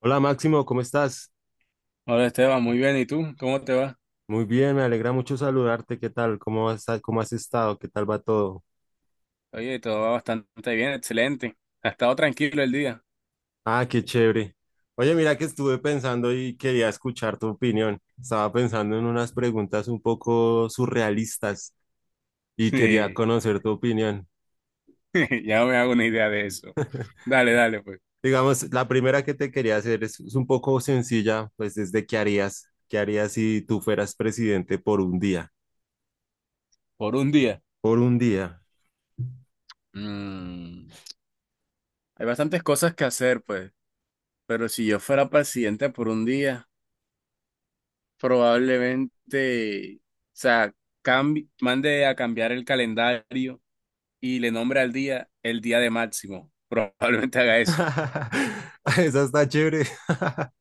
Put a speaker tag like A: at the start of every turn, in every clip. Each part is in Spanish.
A: Hola Máximo, ¿cómo estás?
B: Hola Esteban, muy bien. ¿Y tú? ¿Cómo te va?
A: Muy bien, me alegra mucho saludarte. ¿Qué tal? ¿Cómo has estado? ¿Qué tal va todo?
B: Oye, todo va bastante bien, excelente. Ha estado tranquilo el día.
A: Qué chévere. Oye, mira que estuve pensando y quería escuchar tu opinión. Estaba pensando en unas preguntas un poco surrealistas y quería
B: Sí,
A: conocer tu opinión.
B: ya me hago una idea de eso. Dale, dale, pues.
A: Digamos, la primera que te quería hacer es un poco sencilla, pues es de qué harías. ¿Qué harías si tú fueras presidente por un día?
B: Por un día.
A: Por un día.
B: Mm, Hay bastantes cosas que hacer, pues. Pero si yo fuera presidente por un día, probablemente, o sea, mande a cambiar el calendario y le nombre al día el día de Máximo. Probablemente haga eso.
A: Esa está chévere.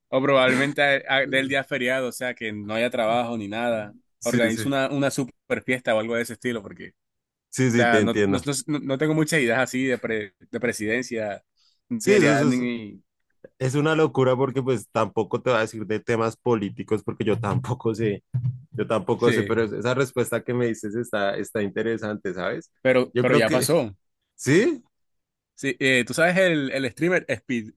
B: O probablemente del día feriado, o sea, que no haya trabajo ni nada.
A: Sí,
B: Organizo
A: sí.
B: una super fiesta o algo de ese estilo, porque, o
A: Sí, sí, te
B: sea, no, no,
A: entiendo.
B: no, no no tengo muchas ideas así de, de presidencia, ni,
A: Sí,
B: ideas,
A: eso
B: ni-
A: es una locura porque pues tampoco te va a decir de temas políticos porque yo tampoco sé,
B: Sí,
A: pero esa respuesta que me dices está interesante, ¿sabes?
B: pero,
A: Yo
B: pero
A: creo
B: ya
A: que,
B: pasó.
A: ¿sí?
B: Sí, tú sabes el streamer Speed,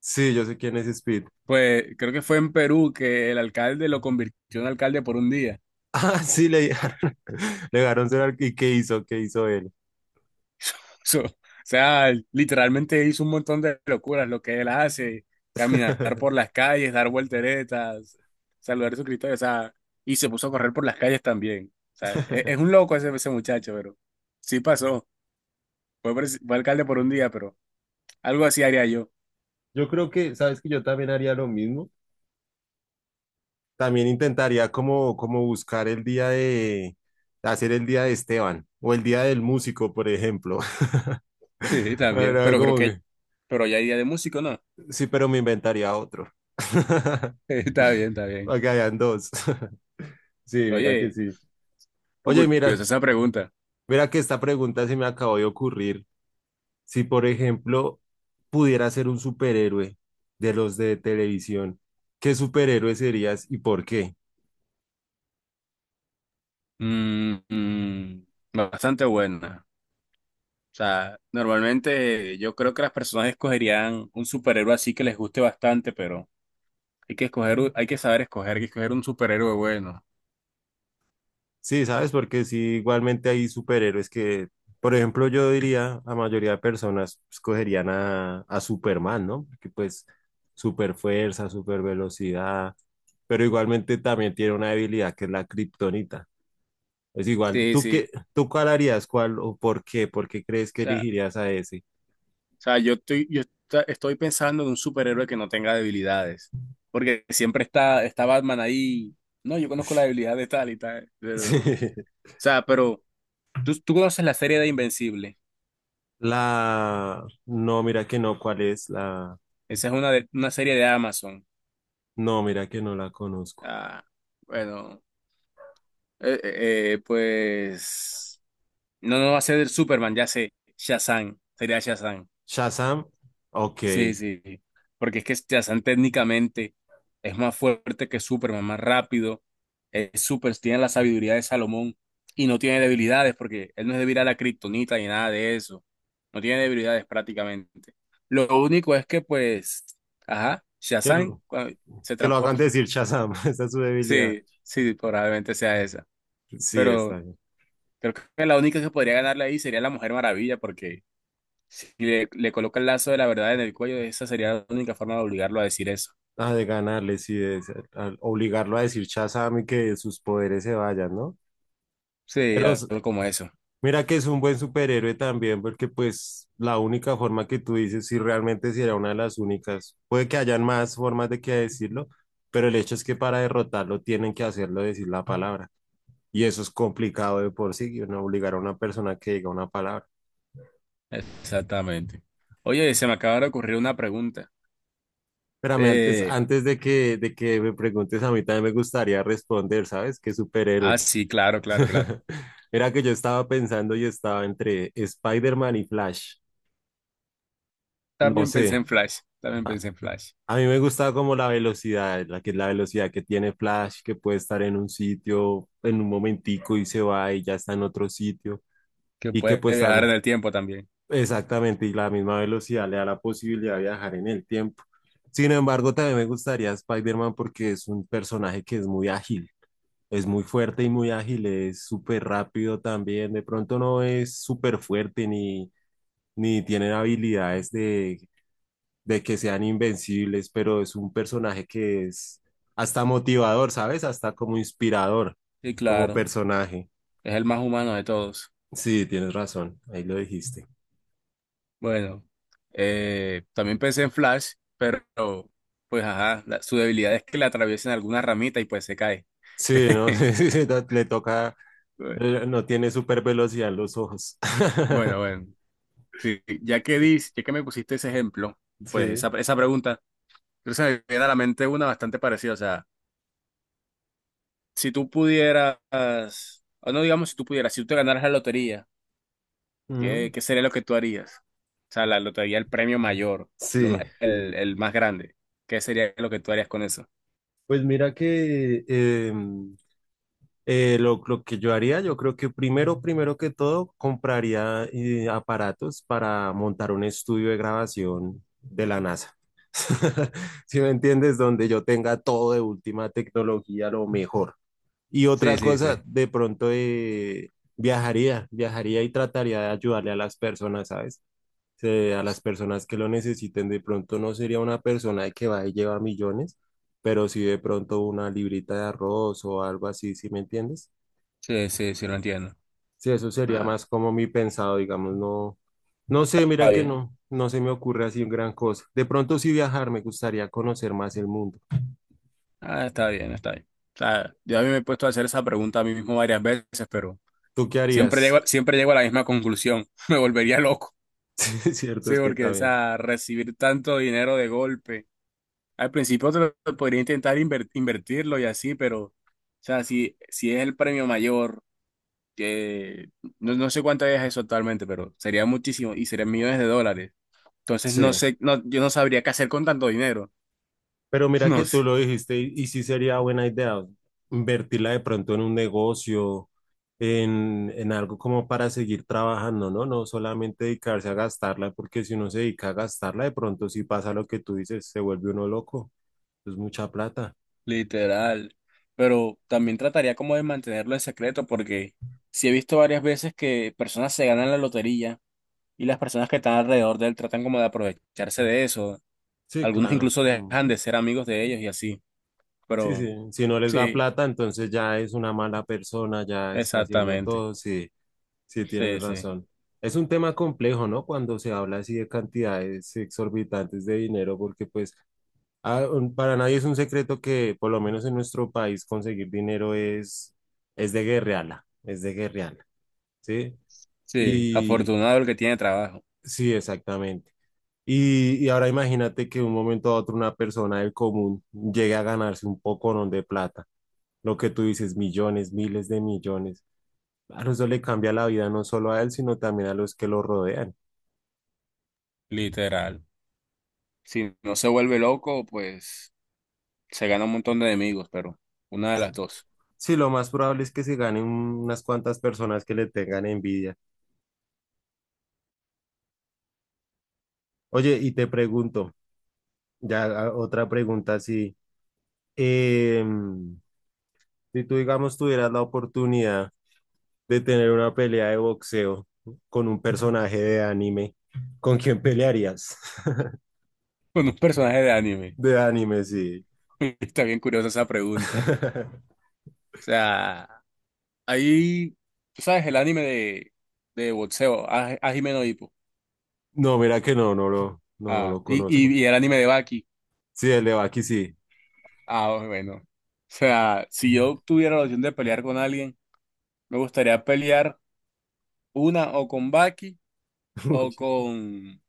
A: Sí, yo sé quién es Speed.
B: pues creo que fue en Perú que el alcalde lo convirtió en alcalde por un día.
A: Ah, sí, le dejaron, le dejaron ser ¿Y qué hizo? ¿Qué hizo él?
B: O sea, literalmente hizo un montón de locuras, lo que él hace, caminar por las calles, dar volteretas, saludar a su Cristo, o sea, y se puso a correr por las calles también. O sea, es, un loco ese muchacho, pero sí pasó. Fue, fue alcalde por un día, pero algo así haría yo.
A: Yo creo que, ¿sabes que yo también haría lo mismo? También intentaría como, como buscar el día de, hacer el día de Esteban o el día del músico, por ejemplo.
B: Sí, también,
A: Era
B: pero creo
A: como
B: que,
A: que-
B: pero ya hay día de músico, ¿no?
A: Sí, pero me inventaría otro.
B: Está bien, está bien.
A: Para que hayan dos. Sí, mira que
B: Oye,
A: sí. Oye, mira,
B: curiosa esa pregunta.
A: mira que esta pregunta se me acabó de ocurrir. Si, por ejemplo, pudiera ser un superhéroe de los de televisión, ¿qué superhéroe serías y por qué?
B: Mm, mm, bastante buena. O sea, normalmente yo creo que las personas escogerían un superhéroe así que les guste bastante, pero hay que escoger, hay que saber escoger, hay que escoger un superhéroe bueno.
A: Sí, ¿sabes? Porque sí, igualmente hay superhéroes que, por ejemplo, yo diría, la mayoría de personas escogerían a Superman, ¿no? Porque pues super fuerza, super velocidad, pero igualmente también tiene una debilidad que es la kriptonita. Es igual,
B: Sí,
A: ¿tú qué,
B: sí.
A: tú cuál harías, cuál o por qué? ¿Por qué crees
B: O
A: que
B: sea,
A: elegirías a ese?
B: o sea, yo estoy, yo esta- estoy pensando en un superhéroe que no tenga debilidades. Porque siempre está Batman ahí. No, yo conozco la
A: Ush.
B: debilidad de tal y tal. Pero, o
A: Sí.
B: sea, pero tú conoces la serie de Invencible.
A: La, no, mira que no, ¿cuál es la?
B: Esa es una, una serie de Amazon.
A: No, mira que no la conozco.
B: Ah, bueno, pues. No, no va a ser el Superman, ya sé. Shazam, sería Shazam.
A: Shazam, ok.
B: Sí, sí. sí. Porque es que Shazam técnicamente es más fuerte que Superman, más rápido. Es super, tiene la sabiduría de Salomón y no tiene debilidades porque él no es débil a la kriptonita ni nada de eso. No tiene debilidades prácticamente. Lo único es que, pues, ajá,
A: ¿Qué?
B: Shazam se
A: Que lo hagan
B: transforma.
A: decir Shazam, esa es su debilidad.
B: Sí, sí, probablemente sea esa.
A: Sí,
B: Pero
A: está bien.
B: creo que la única que podría ganarle ahí sería la Mujer Maravilla porque y le coloca el lazo de la verdad en el cuello, esa sería la única forma de obligarlo a decir eso.
A: Ah, de ganarle, sí, de ser- al obligarlo a decir Shazam y que sus poderes se vayan, ¿no?
B: Sí,
A: Pero
B: algo como eso.
A: mira que es un buen superhéroe también, porque pues la única forma que tú dices, si realmente si era una de las únicas, puede que hayan más formas de que decirlo, pero el hecho es que para derrotarlo tienen que hacerlo decir la palabra. Y eso es complicado de por sí, ¿no? Obligar a una persona que diga una palabra.
B: Exactamente. Oye, se me acaba de ocurrir una pregunta.
A: Espérame, antes,
B: Eh,
A: antes de que me preguntes, a mí también me gustaría responder, ¿sabes? ¿Qué superhéroe?
B: sí, claro, claro, claro.
A: Era que yo estaba pensando y estaba entre Spider-Man y Flash. No
B: También
A: sé,
B: pensé en Flash,
A: a mí me gusta como la velocidad, la que es la velocidad que tiene Flash, que puede estar en un sitio en un momentico y se va y ya está en otro sitio.
B: que
A: Y que
B: puede
A: pues
B: viajar en
A: también
B: el tiempo también.
A: exactamente, y la misma velocidad le da la posibilidad de viajar en el tiempo. Sin embargo, también me gustaría Spider-Man porque es un personaje que es muy ágil. Es muy fuerte y muy ágil, es súper rápido también. De pronto no es súper fuerte ni, ni tienen habilidades de que sean invencibles, pero es un personaje que es hasta motivador, ¿sabes? Hasta como inspirador,
B: Sí,
A: como
B: claro,
A: personaje.
B: es el más humano de todos.
A: Sí, tienes razón, ahí lo dijiste.
B: Bueno, también pensé en Flash, pero pues ajá, su debilidad es que le atraviesan alguna ramita y pues se cae.
A: Sí, ¿no? Le toca, no tiene súper velocidad en los ojos.
B: Bueno, bueno. Sí, ya que me pusiste ese ejemplo, pues esa,
A: Sí.
B: esa pregunta, creo que se me viene a la mente una bastante parecida. O sea, si tú pudieras, o no digamos si tú pudieras, si tú te ganaras la lotería, ¿
A: Mm,
B: qué sería lo que tú harías? O sea, la lotería, el premio mayor,
A: sí,
B: el más grande. ¿Qué sería lo que tú harías con eso?
A: pues mira que lo que yo haría, yo creo que primero, primero que todo, compraría aparatos para montar un estudio de grabación de la NASA. ¿Si me entiendes? Donde yo tenga todo de última tecnología, lo mejor. Y otra
B: Sí, sí,
A: cosa,
B: sí.
A: de pronto viajaría y trataría de ayudarle a las personas, ¿sabes? A las personas que lo necesiten, de pronto no sería una persona que va y lleva millones, pero sí de pronto una librita de arroz o algo así, ¿si me entiendes?
B: Sí, sí, sí, lo entiendo.
A: Sí, eso sería
B: Ah,
A: más como mi pensado, digamos, no, no sé,
B: está
A: mira que
B: bien.
A: no, no se me ocurre así gran cosa. De pronto sí viajar, me gustaría conocer más el mundo.
B: Ah, está bien, está bien. O sea, yo a mí me he puesto a hacer esa pregunta a mí mismo varias veces, pero
A: ¿Tú qué
B: siempre
A: harías?
B: llego, siempre llego a la misma conclusión. Me volvería loco.
A: Sí, es cierto,
B: Sí,
A: es que
B: porque, o
A: también.
B: sea, recibir tanto dinero de golpe. Al principio te lo podría intentar invertirlo y así, pero, o sea, si es el premio mayor, que no sé cuánto es eso actualmente, pero sería muchísimo y serían millones de dólares. Entonces, no
A: Sí,
B: sé, no, yo no sabría qué hacer con tanto dinero.
A: pero mira que
B: No
A: tú
B: sé,
A: lo dijiste y sí sería buena idea invertirla de pronto en un negocio, en algo como para seguir trabajando, ¿no? No solamente dedicarse a gastarla, porque si uno se dedica a gastarla, de pronto sí pasa lo que tú dices, se vuelve uno loco, es mucha plata.
B: literal. Pero también trataría como de mantenerlo en secreto, porque sí he visto varias veces que personas se ganan la lotería y las personas que están alrededor de él tratan como de aprovecharse de eso.
A: Sí,
B: Algunos
A: claro.
B: incluso
A: Mm.
B: dejan de ser amigos de ellos y así.
A: Sí, sí,
B: Pero
A: si no les da
B: sí,
A: plata, entonces ya es una mala persona, ya está haciendo
B: exactamente.
A: todo, sí, sí tienes
B: Sí, sí.
A: razón. Es un tema complejo, ¿no? Cuando se habla así de cantidades exorbitantes de dinero, porque pues para nadie es un secreto que por lo menos en nuestro país conseguir dinero es de guerreala, ¿sí?
B: Sí,
A: Y
B: afortunado el que tiene trabajo,
A: sí, exactamente. Y ahora imagínate que de un momento a otro una persona del común llegue a ganarse un poco de plata. Lo que tú dices, millones, miles de millones. Claro, eso le cambia la vida no solo a él, sino también a los que lo rodean.
B: literal. Si no se vuelve loco, pues se gana un montón de enemigos, pero una de las dos.
A: Sí, lo más probable es que se ganen unas cuantas personas que le tengan envidia. Oye, y te pregunto, ya otra pregunta así. em, si tú, digamos, tuvieras la oportunidad de tener una pelea de boxeo con un personaje de anime, ¿con quién pelearías?
B: Con un personaje de anime.
A: De anime, sí.
B: Está bien curiosa esa pregunta. O sea, ahí, tú sabes, el anime de boxeo, ah, Hajime no Ippo.
A: No, mira que no
B: Ah,
A: lo conozco.
B: y el anime de Baki.
A: Sí, el de sí.
B: Ah, bueno. O sea, si yo tuviera la opción de pelear con alguien, me gustaría pelear una o con Baki o con,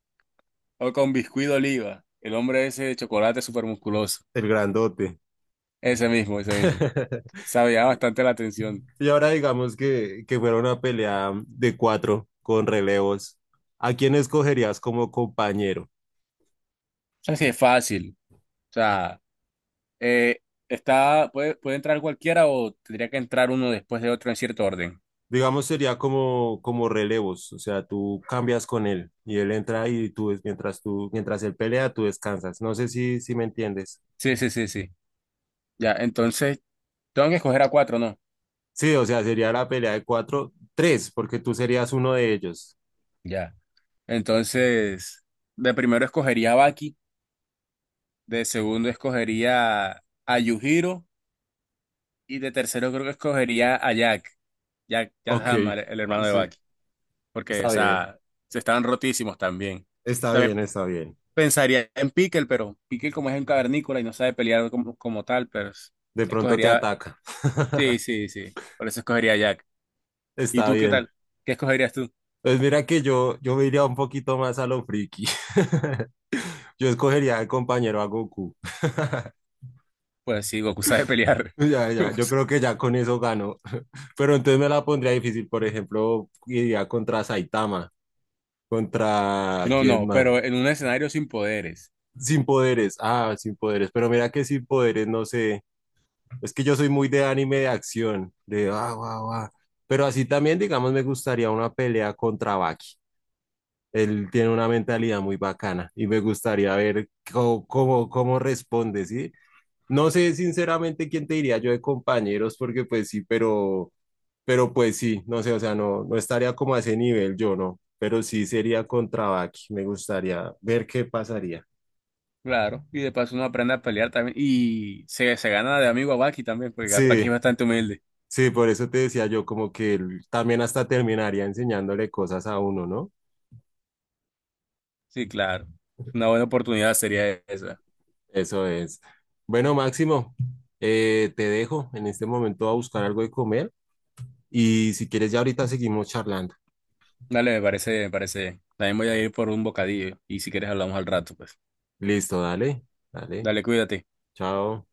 B: o con Biscuit de Oliva, el hombre ese de chocolate súper musculoso.
A: El grandote.
B: Ese mismo, ese mismo. Sabía bastante la atención.
A: Y ahora digamos que fuera una pelea de cuatro con relevos. ¿A quién escogerías como compañero?
B: O sea, sí es fácil. O sea, eh, está, puede entrar cualquiera o tendría que entrar uno después de otro en cierto orden.
A: Digamos, sería como, como relevos, o sea, tú cambias con él y él entra y tú, mientras tú, mientras él pelea, tú descansas. No sé si, si me entiendes.
B: Sí, sí, sí, sí. Ya, entonces, tengo que escoger a cuatro, ¿no?
A: Sí, o sea, sería la pelea de cuatro, tres, porque tú serías uno de ellos.
B: Ya. Entonces, de primero escogería a Baki, de segundo escogería a Yujiro. Y de tercero creo que escogería a Jack, Jack
A: Ok,
B: Hammer, el hermano de
A: sí,
B: Bucky, porque, o
A: está bien,
B: sea, se estaban rotísimos también. También
A: está bien.
B: pensaría en Pickle, pero Pickle como es un cavernícola y no sabe pelear como, como tal, pero es-
A: De pronto te
B: escogería,
A: ataca.
B: sí, sí, sí, por eso escogería a Jack. ¿Y
A: Está
B: tú qué
A: bien.
B: tal? ¿Qué escogerías tú?
A: Pues mira que yo me iría un poquito más a lo friki. Yo escogería de compañero a Goku.
B: Pues sí, Goku sabe pelear.
A: Ya, ya,
B: Goku
A: yo
B: sa-
A: creo que ya con eso gano. Pero entonces me la pondría difícil, por ejemplo, iría contra Saitama, contra
B: No,
A: quién
B: no,
A: más.
B: pero en un escenario sin poderes.
A: Sin poderes, ah, sin poderes, pero mira que sin poderes, no sé, es que yo soy muy de anime de acción, de ah, guau, guau. Pero así también, digamos, me gustaría una pelea contra Baki. Él tiene una mentalidad muy bacana y me gustaría ver cómo responde, ¿sí? No sé sinceramente quién te diría yo de compañeros, porque pues sí, pero pues sí, no sé, o sea, no estaría como a ese nivel yo, ¿no? Pero sí sería contra Baki, me gustaría ver qué pasaría.
B: Claro, y de paso uno aprende a pelear también y se gana de amigo a Bucky también, porque Bucky
A: Sí,
B: es bastante humilde.
A: sí, por eso te decía yo como que él también hasta terminaría enseñándole cosas a uno, ¿no?
B: Sí, claro. Una buena oportunidad sería esa.
A: Eso es. Bueno, Máximo, te dejo en este momento a buscar algo de comer. Y si quieres, ya ahorita seguimos charlando.
B: Dale, me parece, me parece. También voy a ir por un bocadillo y si quieres hablamos al rato, pues.
A: Listo, dale, dale,
B: Dale, cuídate.
A: chao.